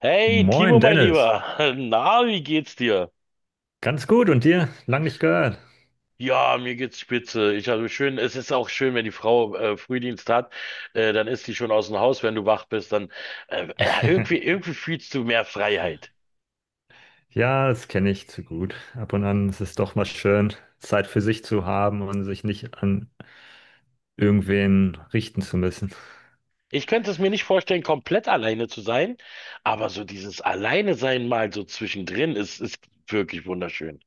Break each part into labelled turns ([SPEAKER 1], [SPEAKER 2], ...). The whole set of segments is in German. [SPEAKER 1] Hey,
[SPEAKER 2] Moin
[SPEAKER 1] Timo, mein
[SPEAKER 2] Dennis,
[SPEAKER 1] Lieber. Na, wie geht's dir?
[SPEAKER 2] ganz gut und dir? Lang nicht gehört.
[SPEAKER 1] Ja, mir geht's spitze. Ich habe schön, es ist auch schön, wenn die Frau Frühdienst hat, dann ist sie schon aus dem Haus, wenn du wach bist, dann ja, irgendwie fühlst du mehr Freiheit.
[SPEAKER 2] Ja, das kenne ich zu gut. Ab und an ist es doch mal schön, Zeit für sich zu haben und sich nicht an irgendwen richten zu müssen.
[SPEAKER 1] Ich könnte es mir nicht vorstellen, komplett alleine zu sein, aber so dieses Alleine sein mal so zwischendrin ist wirklich wunderschön.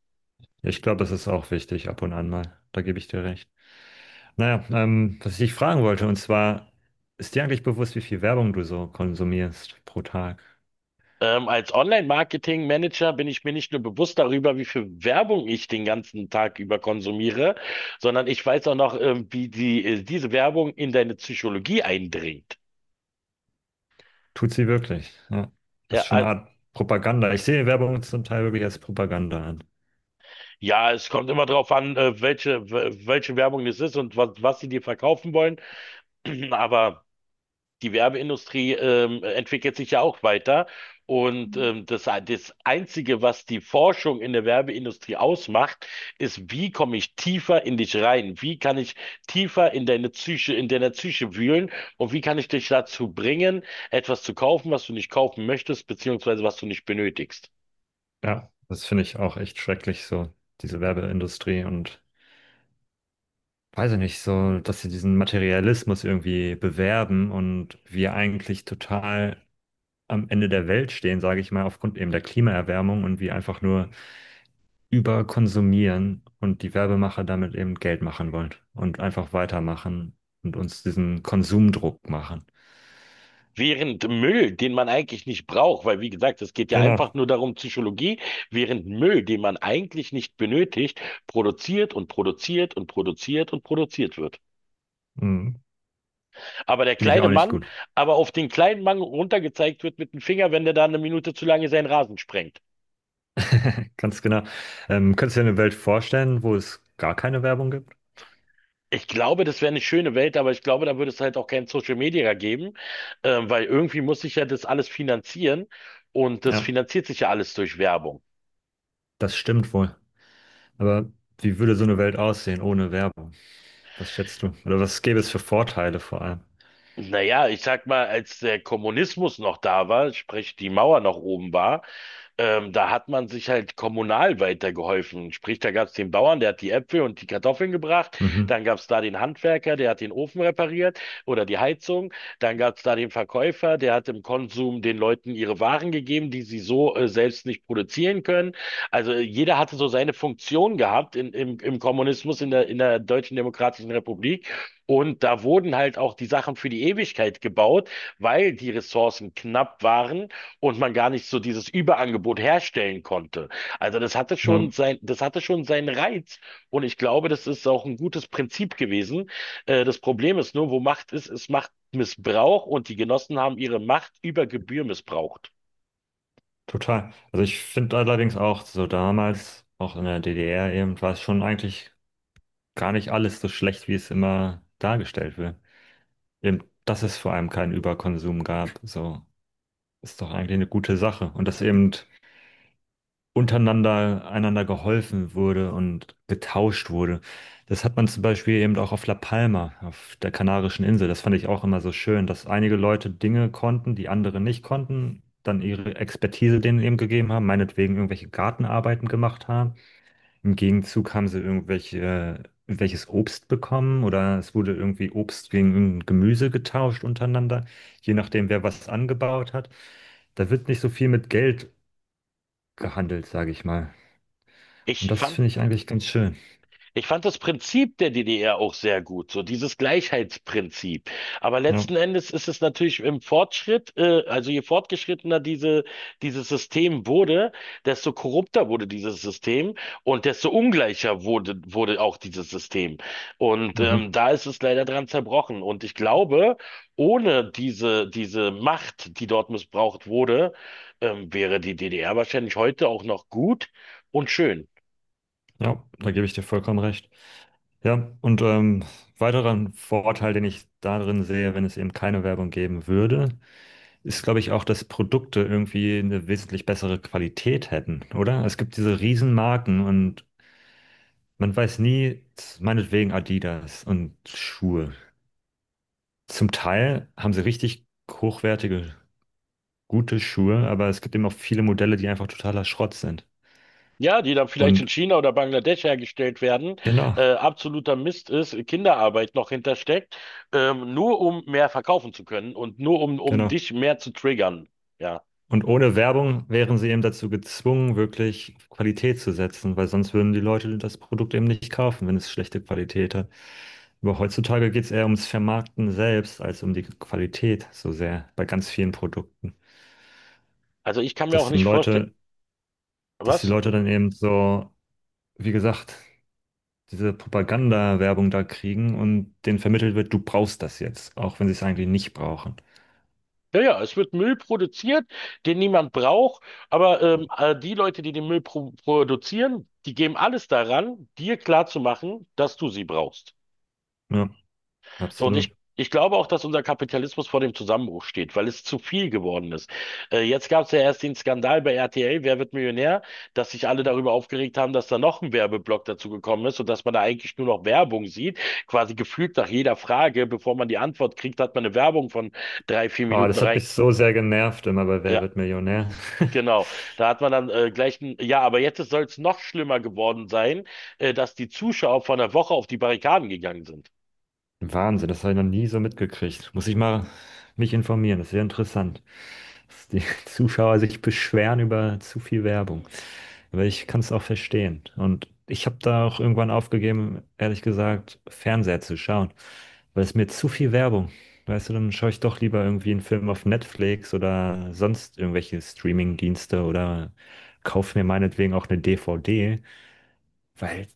[SPEAKER 2] Ich glaube, das ist auch wichtig, ab und an mal. Da gebe ich dir recht. Naja, was ich dich fragen wollte, und zwar, ist dir eigentlich bewusst, wie viel Werbung du so konsumierst pro Tag?
[SPEAKER 1] Als Online-Marketing-Manager bin ich mir nicht nur bewusst darüber, wie viel Werbung ich den ganzen Tag über konsumiere, sondern ich weiß auch noch, wie diese Werbung in deine Psychologie eindringt.
[SPEAKER 2] Tut sie wirklich? Ja. Das
[SPEAKER 1] Ja,
[SPEAKER 2] ist schon eine
[SPEAKER 1] als-
[SPEAKER 2] Art Propaganda. Ich sehe Werbung zum Teil wirklich als Propaganda an.
[SPEAKER 1] ja, es kommt immer darauf an, welche Werbung es ist und was sie dir verkaufen wollen. Aber die Werbeindustrie entwickelt sich ja auch weiter. Und das Einzige, was die Forschung in der Werbeindustrie ausmacht, ist: wie komme ich tiefer in dich rein? Wie kann ich tiefer in deine Psyche, in deiner Psyche wühlen? Und wie kann ich dich dazu bringen, etwas zu kaufen, was du nicht kaufen möchtest, beziehungsweise was du nicht benötigst?
[SPEAKER 2] Ja, das finde ich auch echt schrecklich, so diese Werbeindustrie und weiß ich nicht, so, dass sie diesen Materialismus irgendwie bewerben und wir eigentlich total am Ende der Welt stehen, sage ich mal, aufgrund eben der Klimaerwärmung und wir einfach nur überkonsumieren und die Werbemacher damit eben Geld machen wollen und einfach weitermachen und uns diesen Konsumdruck machen.
[SPEAKER 1] Während Müll, den man eigentlich nicht braucht, weil, wie gesagt, es geht ja
[SPEAKER 2] Genau.
[SPEAKER 1] einfach nur darum, Psychologie, während Müll, den man eigentlich nicht benötigt, produziert und produziert und produziert und produziert wird.
[SPEAKER 2] Hm.
[SPEAKER 1] Aber der
[SPEAKER 2] Finde ich
[SPEAKER 1] kleine
[SPEAKER 2] auch nicht
[SPEAKER 1] Mann,
[SPEAKER 2] gut.
[SPEAKER 1] aber auf den kleinen Mann runtergezeigt wird mit dem Finger, wenn der da eine Minute zu lange seinen Rasen sprengt.
[SPEAKER 2] Ganz genau. Könntest du dir eine Welt vorstellen, wo es gar keine Werbung gibt?
[SPEAKER 1] Ich glaube, das wäre eine schöne Welt, aber ich glaube, da würde es halt auch kein Social Media geben, weil irgendwie muss sich ja das alles finanzieren und das
[SPEAKER 2] Ja,
[SPEAKER 1] finanziert sich ja alles durch Werbung.
[SPEAKER 2] das stimmt wohl. Aber wie würde so eine Welt aussehen ohne Werbung? Was schätzt du? Oder was gäbe es für Vorteile vor allem?
[SPEAKER 1] Naja, ich sag mal, als der Kommunismus noch da war, sprich die Mauer noch oben war, da hat man sich halt kommunal weitergeholfen. Sprich, da gab's den Bauern, der hat die Äpfel und die Kartoffeln gebracht.
[SPEAKER 2] Mhm.
[SPEAKER 1] Dann gab's da den Handwerker, der hat den Ofen repariert oder die Heizung. Dann gab's da den Verkäufer, der hat im Konsum den Leuten ihre Waren gegeben, die sie so selbst nicht produzieren können. Also jeder hatte so seine Funktion gehabt im Kommunismus, in der Deutschen Demokratischen Republik. Und da wurden halt auch die Sachen für die Ewigkeit gebaut, weil die Ressourcen knapp waren und man gar nicht so dieses Überangebot herstellen konnte. Also
[SPEAKER 2] Ja,
[SPEAKER 1] das hatte schon seinen Reiz und ich glaube, das ist auch ein gutes Prinzip gewesen. Das Problem ist nur, wo Macht ist, ist Machtmissbrauch, und die Genossen haben ihre Macht über Gebühr missbraucht.
[SPEAKER 2] total. Also ich finde allerdings auch so damals, auch in der DDR eben, war es schon eigentlich gar nicht alles so schlecht, wie es immer dargestellt wird. Eben, dass es vor allem keinen Überkonsum gab, so ist doch eigentlich eine gute Sache. Und dass eben untereinander einander geholfen wurde und getauscht wurde. Das hat man zum Beispiel eben auch auf La Palma, auf der Kanarischen Insel. Das fand ich auch immer so schön, dass einige Leute Dinge konnten, die andere nicht konnten, dann ihre Expertise denen eben gegeben haben, meinetwegen irgendwelche Gartenarbeiten gemacht haben. Im Gegenzug haben sie irgendwelches Obst bekommen oder es wurde irgendwie Obst gegen irgendein Gemüse getauscht untereinander, je nachdem, wer was angebaut hat. Da wird nicht so viel mit Geld gehandelt, sage ich mal. Und
[SPEAKER 1] Ich
[SPEAKER 2] das
[SPEAKER 1] fand
[SPEAKER 2] finde ich eigentlich ganz schön.
[SPEAKER 1] Ich fand das Prinzip der DDR auch sehr gut, so dieses Gleichheitsprinzip. Aber
[SPEAKER 2] Ja,
[SPEAKER 1] letzten Endes ist es natürlich im Fortschritt, also je fortgeschrittener dieses System wurde, desto korrupter wurde dieses System und desto ungleicher wurde auch dieses System. Und
[SPEAKER 2] mhm.
[SPEAKER 1] da ist es leider dran zerbrochen. Und ich glaube, ohne diese Macht, die dort missbraucht wurde, wäre die DDR wahrscheinlich heute auch noch gut und schön.
[SPEAKER 2] Ja, da gebe ich dir vollkommen recht. Ja, und weiterer Vorteil, den ich darin sehe, wenn es eben keine Werbung geben würde, ist, glaube ich, auch, dass Produkte irgendwie eine wesentlich bessere Qualität hätten, oder? Es gibt diese Riesenmarken und man weiß nie, meinetwegen Adidas und Schuhe. Zum Teil haben sie richtig hochwertige, gute Schuhe, aber es gibt eben auch viele Modelle, die einfach totaler Schrott sind.
[SPEAKER 1] Ja, die dann vielleicht
[SPEAKER 2] Und
[SPEAKER 1] in China oder Bangladesch hergestellt werden,
[SPEAKER 2] genau,
[SPEAKER 1] absoluter Mist ist, Kinderarbeit noch hintersteckt, nur um mehr verkaufen zu können und nur um
[SPEAKER 2] genau.
[SPEAKER 1] dich mehr zu triggern. Ja,
[SPEAKER 2] Und ohne Werbung wären sie eben dazu gezwungen, wirklich auf Qualität zu setzen, weil sonst würden die Leute das Produkt eben nicht kaufen, wenn es schlechte Qualität hat. Aber heutzutage geht es eher ums Vermarkten selbst als um die Qualität so sehr bei ganz vielen Produkten.
[SPEAKER 1] also ich kann mir
[SPEAKER 2] Dass
[SPEAKER 1] auch
[SPEAKER 2] dann
[SPEAKER 1] nicht vorstellen,
[SPEAKER 2] Leute, dass die
[SPEAKER 1] was?
[SPEAKER 2] Leute dann eben so, wie gesagt, diese Propaganda-Werbung da kriegen und denen vermittelt wird, du brauchst das jetzt, auch wenn sie es eigentlich nicht brauchen.
[SPEAKER 1] Ja, ja, es wird Müll produziert, den niemand braucht, aber die Leute, die den Müll pro produzieren, die geben alles daran, dir klarzumachen, dass du sie brauchst.
[SPEAKER 2] Ja,
[SPEAKER 1] So, und ich,
[SPEAKER 2] absolut.
[SPEAKER 1] ich glaube auch, dass unser Kapitalismus vor dem Zusammenbruch steht, weil es zu viel geworden ist. Jetzt gab es ja erst den Skandal bei RTL, Wer wird Millionär, dass sich alle darüber aufgeregt haben, dass da noch ein Werbeblock dazu gekommen ist und dass man da eigentlich nur noch Werbung sieht. Quasi gefühlt nach jeder Frage, bevor man die Antwort kriegt, hat man eine Werbung von drei, vier
[SPEAKER 2] Ah,
[SPEAKER 1] Minuten
[SPEAKER 2] das hat
[SPEAKER 1] rein.
[SPEAKER 2] mich so sehr genervt immer bei Wer
[SPEAKER 1] Ja.
[SPEAKER 2] wird Millionär.
[SPEAKER 1] Genau, da hat man dann ja, aber jetzt soll es noch schlimmer geworden sein, dass die Zuschauer vor einer Woche auf die Barrikaden gegangen sind.
[SPEAKER 2] Wahnsinn, das habe ich noch nie so mitgekriegt. Muss ich mal mich informieren, das ist sehr interessant, dass die Zuschauer sich beschweren über zu viel Werbung. Aber ich kann es auch verstehen. Und ich habe da auch irgendwann aufgegeben, ehrlich gesagt, Fernseher zu schauen, weil es mir zu viel Werbung. Weißt du, dann schaue ich doch lieber irgendwie einen Film auf Netflix oder sonst irgendwelche Streaming-Dienste oder kaufe mir meinetwegen auch eine DVD. Weil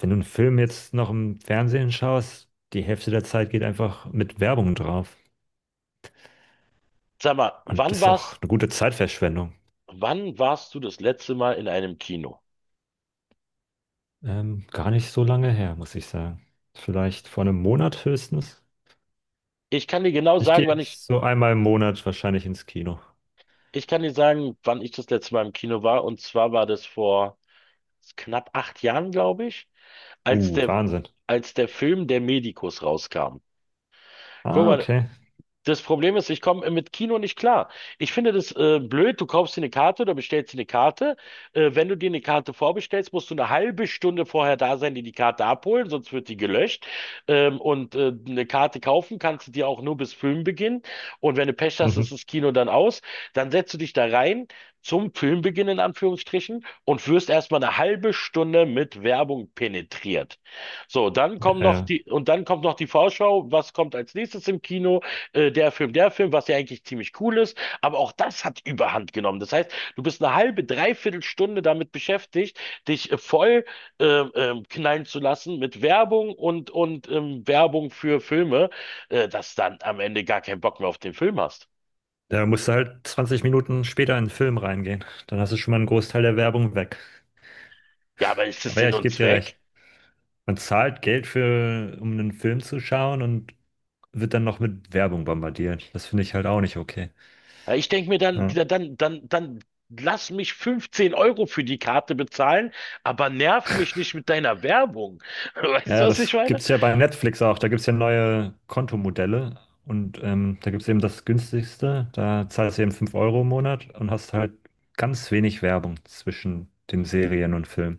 [SPEAKER 2] wenn du einen Film jetzt noch im Fernsehen schaust, die Hälfte der Zeit geht einfach mit Werbung drauf.
[SPEAKER 1] Sag mal,
[SPEAKER 2] Und
[SPEAKER 1] wann
[SPEAKER 2] das ist auch
[SPEAKER 1] war's
[SPEAKER 2] eine gute Zeitverschwendung.
[SPEAKER 1] Wann warst du das letzte Mal in einem Kino?
[SPEAKER 2] Gar nicht so lange her, muss ich sagen. Vielleicht vor einem Monat höchstens.
[SPEAKER 1] Ich kann dir genau
[SPEAKER 2] Ich gehe
[SPEAKER 1] sagen, wann ich,
[SPEAKER 2] jetzt so einmal im Monat wahrscheinlich ins Kino.
[SPEAKER 1] ich kann dir sagen, wann ich das letzte Mal im Kino war. Und zwar war das vor knapp 8 Jahren, glaube ich, als der,
[SPEAKER 2] Wahnsinn.
[SPEAKER 1] als der Film Der Medikus rauskam. Guck
[SPEAKER 2] Ah,
[SPEAKER 1] mal,
[SPEAKER 2] okay.
[SPEAKER 1] das Problem ist, ich komme mit Kino nicht klar. Ich finde das blöd. Du kaufst dir eine Karte oder bestellst dir eine Karte. Wenn du dir eine Karte vorbestellst, musst du eine halbe Stunde vorher da sein, die Karte abholen, sonst wird die gelöscht. Eine Karte kaufen kannst du dir auch nur bis Filmbeginn. Und wenn du Pech hast, ist
[SPEAKER 2] Mhm.
[SPEAKER 1] das Kino dann aus. Dann setzt du dich da rein zum Filmbeginn in Anführungsstrichen und wirst erstmal eine halbe Stunde mit Werbung penetriert. So,
[SPEAKER 2] Ja, ja.
[SPEAKER 1] dann kommt noch die Vorschau. Was kommt als nächstes im Kino? Der Film, was ja eigentlich ziemlich cool ist, aber auch das hat Überhand genommen. Das heißt, du bist eine halbe, dreiviertel Stunde damit beschäftigt, dich voll knallen zu lassen mit Werbung und Werbung für Filme, dass dann am Ende gar keinen Bock mehr auf den Film hast.
[SPEAKER 2] Da musst du halt 20 Minuten später in den Film reingehen. Dann hast du schon mal einen Großteil der Werbung weg.
[SPEAKER 1] Ja, aber ist das
[SPEAKER 2] Aber ja,
[SPEAKER 1] Sinn
[SPEAKER 2] ich
[SPEAKER 1] und
[SPEAKER 2] gebe dir recht.
[SPEAKER 1] Zweck?
[SPEAKER 2] Man zahlt Geld für, um einen Film zu schauen und wird dann noch mit Werbung bombardiert. Das finde ich halt auch nicht okay.
[SPEAKER 1] Ja, ich denke mir dann,
[SPEAKER 2] Ja.
[SPEAKER 1] lass mich 15 € für die Karte bezahlen, aber nerv mich nicht mit deiner Werbung. Weißt du,
[SPEAKER 2] Naja,
[SPEAKER 1] was ich
[SPEAKER 2] das gibt
[SPEAKER 1] meine?
[SPEAKER 2] es ja bei Netflix auch. Da gibt es ja neue Kontomodelle und da gibt es eben das günstigste. Da zahlst du eben 5 € im Monat und hast halt ganz wenig Werbung zwischen den Serien und Filmen.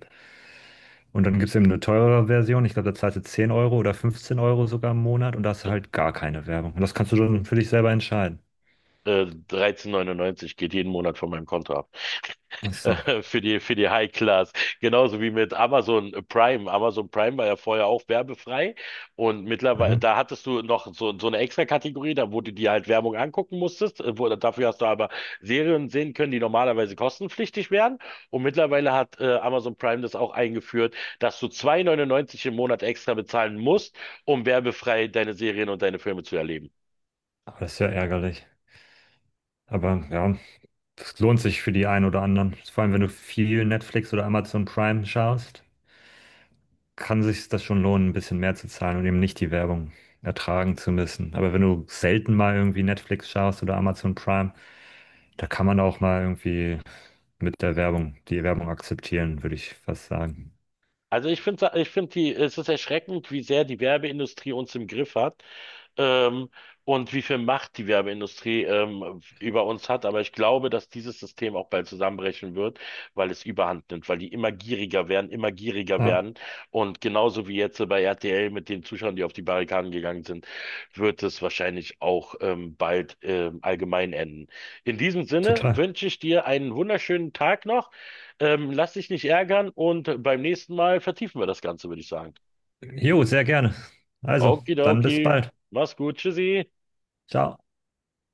[SPEAKER 2] Und dann gibt es eben eine teurere Version. Ich glaube, da zahlst du 10 € oder 15 € sogar im Monat und da hast du halt gar keine Werbung. Und das kannst du dann für dich selber entscheiden.
[SPEAKER 1] 13,99 geht jeden Monat von meinem Konto ab.
[SPEAKER 2] Ach so.
[SPEAKER 1] Für für die High Class. Genauso wie mit Amazon Prime. Amazon Prime war ja vorher auch werbefrei. Und mittlerweile,
[SPEAKER 2] Mhm.
[SPEAKER 1] da hattest du noch so eine extra Kategorie, da wo du dir halt Werbung angucken musstest. Dafür hast du aber Serien sehen können, die normalerweise kostenpflichtig wären. Und mittlerweile hat Amazon Prime das auch eingeführt, dass du 2,99 im Monat extra bezahlen musst, um werbefrei deine Serien und deine Filme zu erleben.
[SPEAKER 2] Aber das ist ja ärgerlich. Aber ja, es lohnt sich für die einen oder anderen. Vor allem, wenn du viel Netflix oder Amazon Prime schaust, kann sich das schon lohnen, ein bisschen mehr zu zahlen und eben nicht die Werbung ertragen zu müssen. Aber wenn du selten mal irgendwie Netflix schaust oder Amazon Prime, da kann man auch mal irgendwie mit der Werbung, die Werbung akzeptieren, würde ich fast sagen.
[SPEAKER 1] Also ich finde es ist erschreckend, wie sehr die Werbeindustrie uns im Griff hat, ähm, und wie viel Macht die Werbeindustrie über uns hat. Aber ich glaube, dass dieses System auch bald zusammenbrechen wird, weil es Überhand nimmt, weil die immer gieriger werden, immer gieriger
[SPEAKER 2] Ja,
[SPEAKER 1] werden. Und genauso wie jetzt bei RTL mit den Zuschauern, die auf die Barrikaden gegangen sind, wird es wahrscheinlich auch, bald, allgemein enden. In diesem Sinne
[SPEAKER 2] total.
[SPEAKER 1] wünsche ich dir einen wunderschönen Tag noch. Lass dich nicht ärgern, und beim nächsten Mal vertiefen wir das Ganze, würde ich sagen.
[SPEAKER 2] Jo, sehr gerne. Also, dann
[SPEAKER 1] Okidoki,
[SPEAKER 2] bis bald.
[SPEAKER 1] mach's gut, tschüssi.
[SPEAKER 2] Ciao.